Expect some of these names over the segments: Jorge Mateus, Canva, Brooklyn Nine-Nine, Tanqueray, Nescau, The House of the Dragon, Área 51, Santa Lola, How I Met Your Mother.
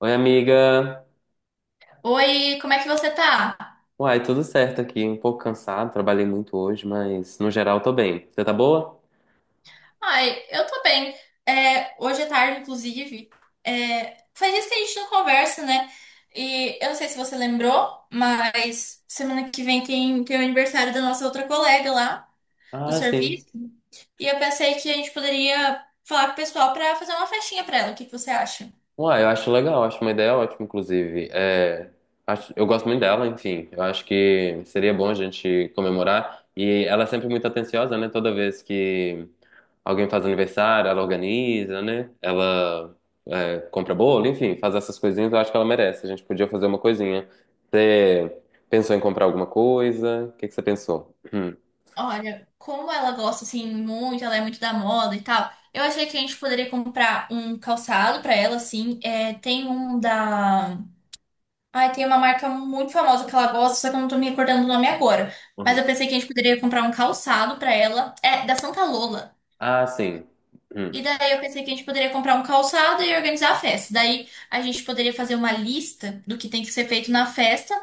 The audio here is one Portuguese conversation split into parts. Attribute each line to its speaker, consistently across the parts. Speaker 1: Oi, amiga.
Speaker 2: Oi, como é que você tá?
Speaker 1: Uai, tudo certo aqui. Um pouco cansado, trabalhei muito hoje, mas no geral tô bem. Você tá boa?
Speaker 2: Ai, eu tô bem. É, hoje é tarde, inclusive. É, faz dias que a gente não conversa, né? E eu não sei se você lembrou, mas semana que vem tem o aniversário da nossa outra colega lá do
Speaker 1: Ah, sim.
Speaker 2: serviço. E eu pensei que a gente poderia falar com o pessoal pra fazer uma festinha pra ela. O que que você acha?
Speaker 1: Uai, eu acho legal, acho uma ideia ótima, inclusive. É, eu gosto muito dela, enfim. Eu acho que seria bom a gente comemorar. E ela é sempre muito atenciosa, né? Toda vez que alguém faz aniversário, ela organiza, né? Ela compra bolo, enfim, faz essas coisinhas. Eu acho que ela merece. A gente podia fazer uma coisinha. Você pensou em comprar alguma coisa? O que que você pensou?
Speaker 2: Olha, como ela gosta assim muito, ela é muito da moda e tal. Eu achei que a gente poderia comprar um calçado pra ela, assim. É, tem um da Ai, tem uma marca muito famosa que ela gosta, só que eu não tô me recordando o nome agora. Mas
Speaker 1: Uhum.
Speaker 2: eu pensei que a gente poderia comprar um calçado pra ela. É da Santa Lola.
Speaker 1: Ah, sim. Hum.
Speaker 2: E daí eu pensei que a gente poderia comprar um calçado e organizar a festa. Daí a gente poderia fazer uma lista do que tem que ser feito na festa.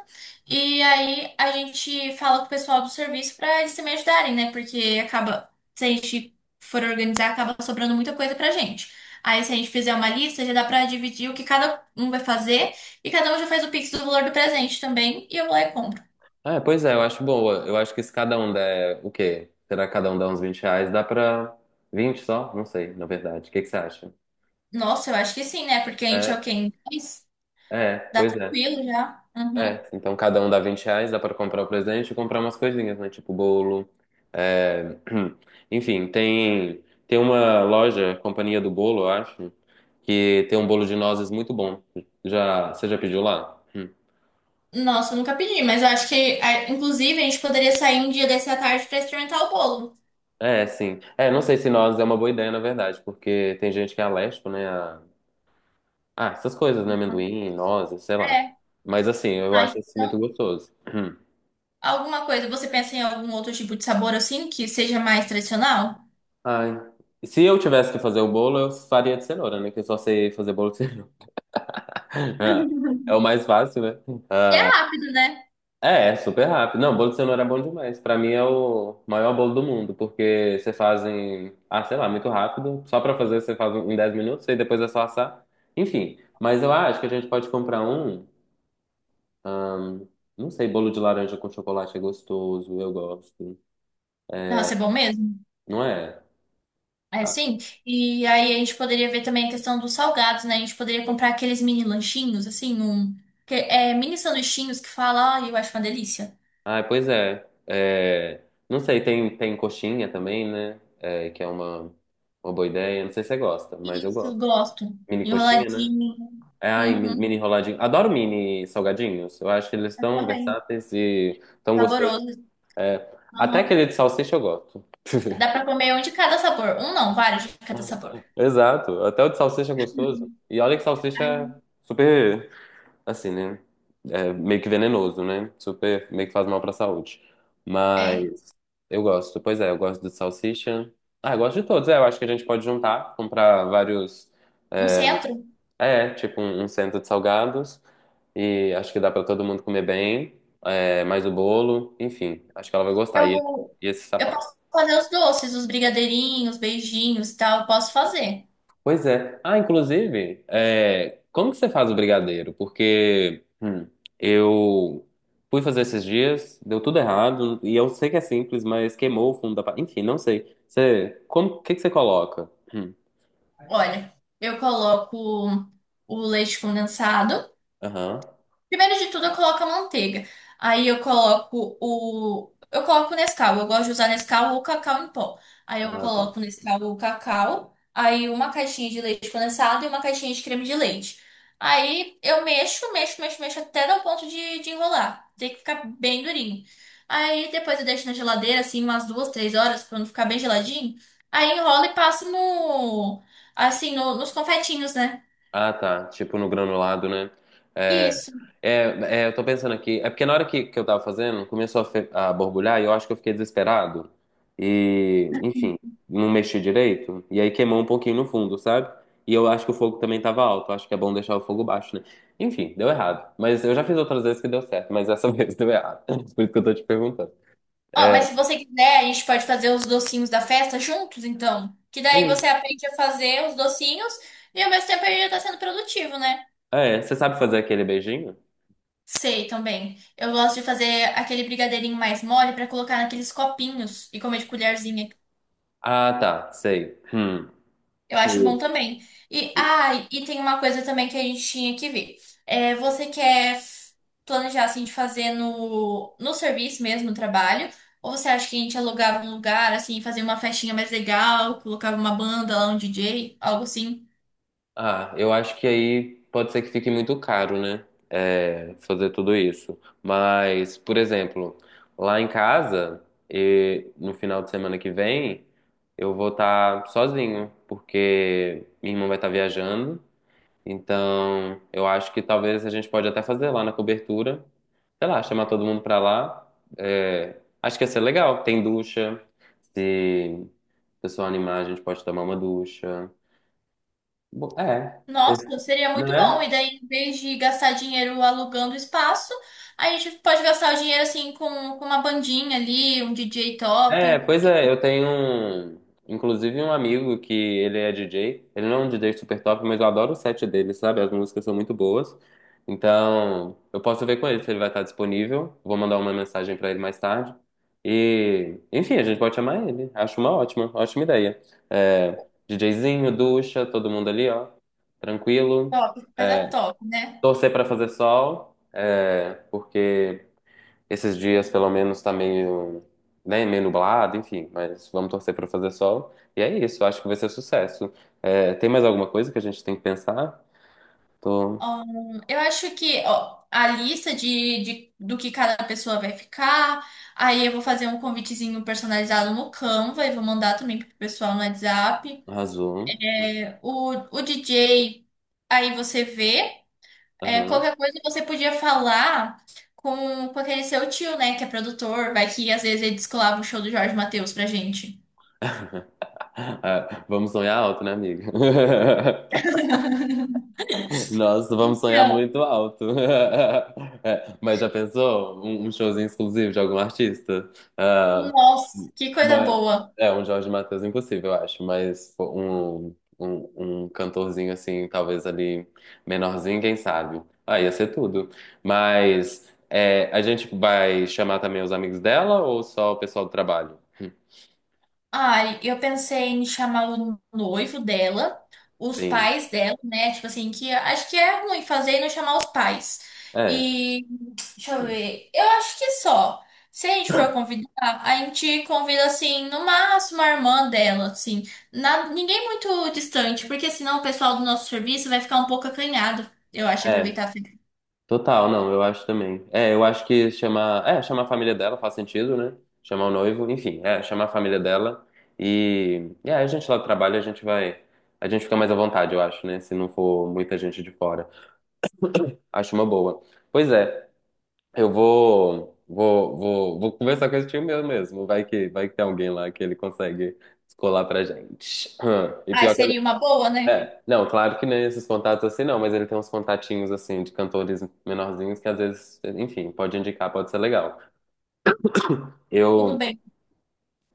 Speaker 2: E aí a gente fala com o pessoal do serviço para eles também ajudarem, né? Porque acaba, se a gente for organizar, acaba sobrando muita coisa pra gente. Aí se a gente fizer uma lista, já dá pra dividir o que cada um vai fazer e cada um já faz o pix do valor do presente também e eu vou lá e compro.
Speaker 1: É, pois é, eu acho boa. Eu acho que se cada um der o quê? Será que cada um dá uns 20 reais? Dá pra 20 só? Não sei, na verdade. O que que você acha?
Speaker 2: Nossa, eu acho que sim, né? Porque a gente é o
Speaker 1: É,
Speaker 2: quê? Em 10?
Speaker 1: é,
Speaker 2: Dá
Speaker 1: pois é.
Speaker 2: tranquilo já. Uhum.
Speaker 1: É, então cada um dá 20 reais, dá pra comprar o presente e comprar umas coisinhas, né? Tipo bolo. é, Enfim, tem uma loja, Companhia do Bolo, eu acho, que tem um bolo de nozes muito bom. Você já pediu lá? Hum.
Speaker 2: Nossa, eu nunca pedi, mas eu acho que, ah, inclusive, a gente poderia sair um dia desse à tarde pra experimentar o bolo.
Speaker 1: É, sim. É, não sei se nozes é uma boa ideia, na verdade, porque tem gente que é alérgico, né, ah, essas coisas, né? Amendoim, nozes, sei lá.
Speaker 2: É.
Speaker 1: Mas assim, eu
Speaker 2: Ah,
Speaker 1: acho isso
Speaker 2: então,
Speaker 1: muito gostoso. Hum.
Speaker 2: alguma coisa, você pensa em algum outro tipo de sabor assim, que seja mais tradicional?
Speaker 1: Ai. Se eu tivesse que fazer o bolo, eu faria de cenoura, né? Que eu só sei fazer bolo de cenoura. É o mais fácil, né?
Speaker 2: E é
Speaker 1: Ah,
Speaker 2: rápido, né?
Speaker 1: é super rápido. Não, bolo de cenoura é bom demais. Pra mim é o maior bolo do mundo, porque você faz em, sei lá, muito rápido. Só pra fazer você faz em 10 minutos e depois é só assar. Enfim, mas eu acho que a gente pode comprar um, hum, não sei, bolo de laranja com chocolate é gostoso, eu gosto.
Speaker 2: Nossa, é bom mesmo.
Speaker 1: Não é?
Speaker 2: É
Speaker 1: Ah,
Speaker 2: sim. E aí a gente poderia ver também a questão dos salgados, né? A gente poderia comprar aqueles mini lanchinhos, assim, um. É, mini sanduichinhos que fala, ai, eu acho uma delícia.
Speaker 1: ah, pois é. É, não sei, tem coxinha também, né? É, que é uma boa ideia. Não sei se você gosta, mas eu
Speaker 2: Isso,
Speaker 1: gosto.
Speaker 2: gosto.
Speaker 1: Mini coxinha, né?
Speaker 2: Enroladinho.
Speaker 1: É, ai, mini
Speaker 2: Uhum.
Speaker 1: enroladinho. Adoro mini salgadinhos. Eu acho que eles
Speaker 2: Eu
Speaker 1: estão
Speaker 2: também.
Speaker 1: versáteis e tão gostosos.
Speaker 2: Saboroso.
Speaker 1: Até
Speaker 2: Aham.
Speaker 1: aquele de salsicha eu gosto.
Speaker 2: Dá pra comer um de cada sabor. Um não, vários de cada sabor.
Speaker 1: Exato. Até o de salsicha é gostoso.
Speaker 2: Uhum.
Speaker 1: E olha que salsicha
Speaker 2: Ai,
Speaker 1: é super, assim, né? É meio que venenoso, né? Super, meio que faz mal pra saúde.
Speaker 2: É.
Speaker 1: Mas. Eu gosto, pois é, eu gosto do salsicha. Ah, eu gosto de todos. É, eu acho que a gente pode juntar, comprar vários.
Speaker 2: No centro,
Speaker 1: É, tipo um cento de salgados. E acho que dá pra todo mundo comer bem. É, mais o bolo, enfim, acho que ela vai gostar. E,
Speaker 2: Eu,
Speaker 1: e esse
Speaker 2: eu
Speaker 1: sapato.
Speaker 2: posso fazer os doces, os brigadeirinhos, beijinhos e tal. Eu posso fazer.
Speaker 1: Pois é. Ah, inclusive, é, como que você faz o brigadeiro? Porque eu fui fazer esses dias, deu tudo errado. E eu sei que é simples, mas queimou o fundo da. Enfim, não sei. Você, como, o que que você coloca?
Speaker 2: Olha, eu coloco o leite condensado.
Speaker 1: Aham.
Speaker 2: Primeiro de tudo, eu coloco a manteiga. Aí eu coloco o. Eu coloco o Nescau. Eu gosto de usar Nescau ou cacau em pó. Aí eu
Speaker 1: Ah, tá.
Speaker 2: coloco o Nescau ou cacau. Aí uma caixinha de leite condensado e uma caixinha de creme de leite. Aí eu mexo, mexo, mexo, mexo até dar o ponto de enrolar. Tem que ficar bem durinho. Aí depois eu deixo na geladeira, assim, umas 2, 3 horas, pra não ficar bem geladinho. Aí enrola e passo no. Assim, nos confetinhos, né?
Speaker 1: Ah, tá. Tipo no granulado, né? É,
Speaker 2: Isso.
Speaker 1: é, é, eu tô pensando aqui. É porque na hora que eu tava fazendo, começou a borbulhar e eu acho que eu fiquei desesperado. E, enfim, não mexi direito. E aí queimou um pouquinho no fundo, sabe? E eu acho que o fogo também tava alto. Eu acho que é bom deixar o fogo baixo, né? Enfim, deu errado. Mas eu já fiz outras vezes que deu certo, mas essa vez deu errado. Por isso que eu tô te perguntando.
Speaker 2: Ó,
Speaker 1: É,
Speaker 2: mas se você quiser, a gente pode fazer os docinhos da festa juntos, então. Que daí você
Speaker 1: sim.
Speaker 2: aprende a fazer os docinhos e ao mesmo tempo ele já tá sendo produtivo, né?
Speaker 1: É, você sabe fazer aquele beijinho?
Speaker 2: Sei também. Eu gosto de fazer aquele brigadeirinho mais mole pra colocar naqueles copinhos e comer de colherzinha.
Speaker 1: Ah, tá. Sei. Hum.
Speaker 2: Eu acho bom também. E tem uma coisa também que a gente tinha que ver. É, você quer planejar assim de fazer no serviço mesmo, no trabalho? Ou você acha que a gente alugava um lugar, assim, fazia uma festinha mais legal, colocava uma banda lá, um DJ, algo assim?
Speaker 1: Ah, eu acho que aí pode ser que fique muito caro, né? É, fazer tudo isso. Mas, por exemplo, lá em casa, e no final de semana que vem, eu vou estar sozinho, porque minha irmã vai estar viajando. Então, eu acho que talvez a gente pode até fazer lá na cobertura. Sei lá, chamar todo mundo pra lá. É, acho que ia ser legal. Tem ducha. Se o pessoal animar, a gente pode tomar uma ducha. É.
Speaker 2: Nossa, seria muito bom. E
Speaker 1: Né?
Speaker 2: daí, em vez de gastar dinheiro alugando espaço, a gente pode gastar o dinheiro assim com uma bandinha ali, um DJ
Speaker 1: É,
Speaker 2: top.
Speaker 1: pois é, eu tenho um, inclusive um amigo que ele é DJ. Ele não é um DJ super top, mas eu adoro o set dele, sabe? As músicas são muito boas. Então, eu posso ver com ele se ele vai estar disponível. Vou mandar uma mensagem pra ele mais tarde. E, enfim, a gente pode chamar ele. Acho uma ótima, ótima ideia. É, DJzinho, ducha, todo mundo ali, ó. Tranquilo.
Speaker 2: Top, coisa
Speaker 1: É,
Speaker 2: top, né?
Speaker 1: torcer pra fazer sol, porque esses dias, pelo menos, tá meio, né, meio nublado, enfim, mas vamos torcer pra fazer sol. E é isso, acho que vai ser sucesso. É, tem mais alguma coisa que a gente tem que pensar? Tô.
Speaker 2: Eu acho que ó, a lista de do que cada pessoa vai ficar, aí eu vou fazer um convitezinho personalizado no Canva e vou mandar também pro pessoal no WhatsApp.
Speaker 1: Arrasou.
Speaker 2: É, O, o DJ, aí você vê. É,
Speaker 1: Aham.
Speaker 2: qualquer coisa você podia falar com aquele seu tio, né, que é produtor, vai que às vezes ele descolava o show do Jorge Mateus pra gente.
Speaker 1: Ah, vamos sonhar alto, né, amiga? Nossa, vamos sonhar
Speaker 2: Então,
Speaker 1: muito alto. É, mas já pensou? um, showzinho exclusivo de algum artista? Ah,
Speaker 2: nossa, que coisa
Speaker 1: mas,
Speaker 2: boa.
Speaker 1: um Jorge Mateus impossível, eu acho. Mas pô, um cantorzinho assim, talvez ali menorzinho, quem sabe? Ah, ia ser tudo. Mas é, a gente vai chamar também os amigos dela ou só o pessoal do trabalho?
Speaker 2: Olha, eu pensei em chamar o noivo dela, os
Speaker 1: Sim.
Speaker 2: pais dela, né? Tipo assim, que acho que é ruim fazer e não chamar os pais.
Speaker 1: É,
Speaker 2: E deixa eu ver. Eu acho que só. Se a gente for convidar, a gente convida assim, no máximo a irmã dela, assim. Ninguém muito distante, porque senão o pessoal do nosso serviço vai ficar um pouco acanhado. Eu acho
Speaker 1: é.
Speaker 2: aproveitar a festa.
Speaker 1: Total, não, eu acho também. É, eu acho que chamar a família dela faz sentido, né? Chamar o noivo, enfim, chamar a família dela e aí a gente lá do trabalho, a gente fica mais à vontade, eu acho, né? Se não for muita gente de fora. Acho uma boa. Pois é, eu vou conversar com esse tio meu mesmo, vai que tem alguém lá que ele consegue descolar pra gente. E
Speaker 2: Ah,
Speaker 1: pior que
Speaker 2: seria uma boa, né?
Speaker 1: é, não, claro que nem esses contatos assim não, mas ele tem uns contatinhos assim de cantores menorzinhos que às vezes, enfim, pode indicar, pode ser legal.
Speaker 2: Tudo
Speaker 1: Eu,
Speaker 2: bem.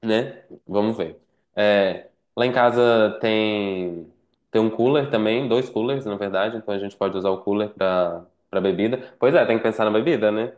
Speaker 1: né? Vamos ver. É, lá em casa tem um cooler também, dois coolers na verdade, então a gente pode usar o cooler pra para bebida. Pois é, tem que pensar na bebida, né?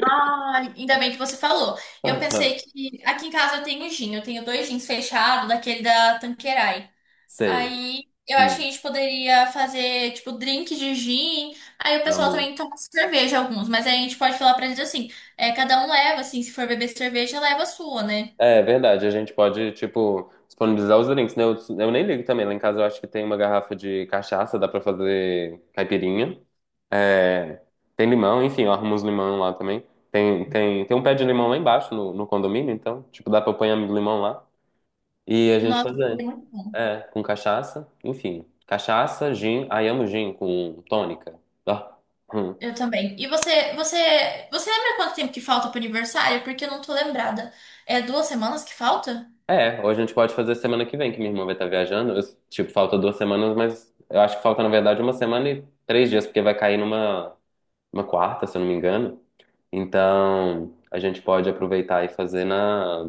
Speaker 2: Ah, ainda bem que você falou. Eu pensei que aqui em casa eu tenho gin, eu tenho dois gins fechados, daquele da Tanqueray.
Speaker 1: Sei.
Speaker 2: Aí eu acho que a
Speaker 1: Hum,
Speaker 2: gente poderia fazer, tipo, drink de gin. Aí o pessoal
Speaker 1: amo.
Speaker 2: também toma cerveja alguns, mas aí a gente pode falar pra eles assim: é, cada um leva, assim, se for beber cerveja, leva a sua, né?
Speaker 1: É verdade, a gente pode, tipo, disponibilizar os drinks, né? Eu nem ligo também. Lá em casa eu acho que tem uma garrafa de cachaça, dá pra fazer caipirinha. É, tem limão, enfim, eu arrumo uns limão lá também. Tem um pé de limão lá embaixo no, condomínio, então, tipo, dá pra apanhar limão lá e a gente
Speaker 2: Nossa,
Speaker 1: fazer.
Speaker 2: seria muito bom.
Speaker 1: É, com cachaça, enfim. Cachaça, gin, ai amo gin com tônica. Ah. Hum.
Speaker 2: Eu também. E você lembra quanto tempo que falta pro aniversário? Porque eu não tô lembrada. É 2 semanas que falta?
Speaker 1: É, ou a gente pode fazer semana que vem, que minha irmã vai estar viajando. Eu, tipo, falta 2 semanas, mas eu acho que falta, na verdade, uma semana e 3 dias, porque vai cair numa uma quarta, se eu não me engano. Então, a gente pode aproveitar e fazer na,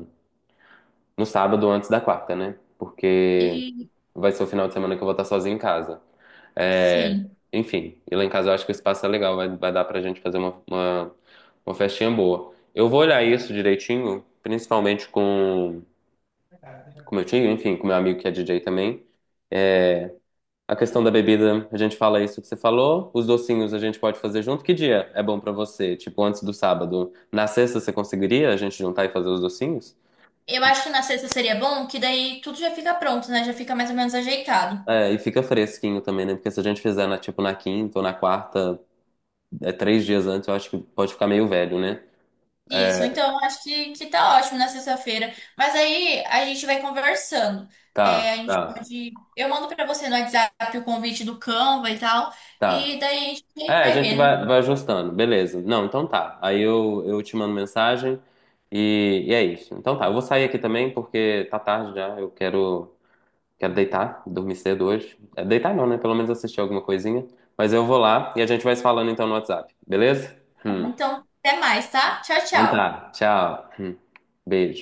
Speaker 1: no sábado antes da quarta, né? Porque
Speaker 2: E
Speaker 1: vai ser o final de semana que eu vou estar sozinho em casa. É,
Speaker 2: sim.
Speaker 1: enfim, e lá em casa eu acho que o espaço é legal, vai dar pra gente fazer uma, uma festinha boa. Eu vou olhar isso direitinho, principalmente com meu tio, enfim, com meu amigo que é DJ também. A questão da bebida, a gente fala isso que você falou. Os docinhos a gente pode fazer junto. Que dia é bom pra você? Tipo, antes do sábado. Na sexta você conseguiria a gente juntar e fazer os docinhos?
Speaker 2: Eu acho que na sexta seria bom, que daí tudo já fica pronto, né? Já fica mais ou menos ajeitado.
Speaker 1: É, e fica fresquinho também, né? Porque se a gente fizer na, tipo, na quinta ou na quarta, 3 dias antes, eu acho que pode ficar meio velho, né?
Speaker 2: Isso,
Speaker 1: É,
Speaker 2: então eu acho que tá ótimo na sexta-feira. Mas aí a gente vai conversando. É, a
Speaker 1: tá,
Speaker 2: gente
Speaker 1: tá,
Speaker 2: pode. Eu mando pra você no WhatsApp o convite do Canva e tal. E
Speaker 1: tá.
Speaker 2: daí a gente
Speaker 1: É, a
Speaker 2: vai
Speaker 1: gente
Speaker 2: vendo.
Speaker 1: vai ajustando, beleza. Não, então tá. Aí eu te mando mensagem e é isso. Então tá, eu vou sair aqui também porque tá tarde já. Eu quero deitar, dormir cedo hoje. É, deitar não, né? Pelo menos assistir alguma coisinha. Mas eu vou lá e a gente vai se falando então no WhatsApp, beleza? Hum.
Speaker 2: Então, até mais, tá? Tchau,
Speaker 1: Então
Speaker 2: tchau.
Speaker 1: tá, tchau. Hum. Beijo.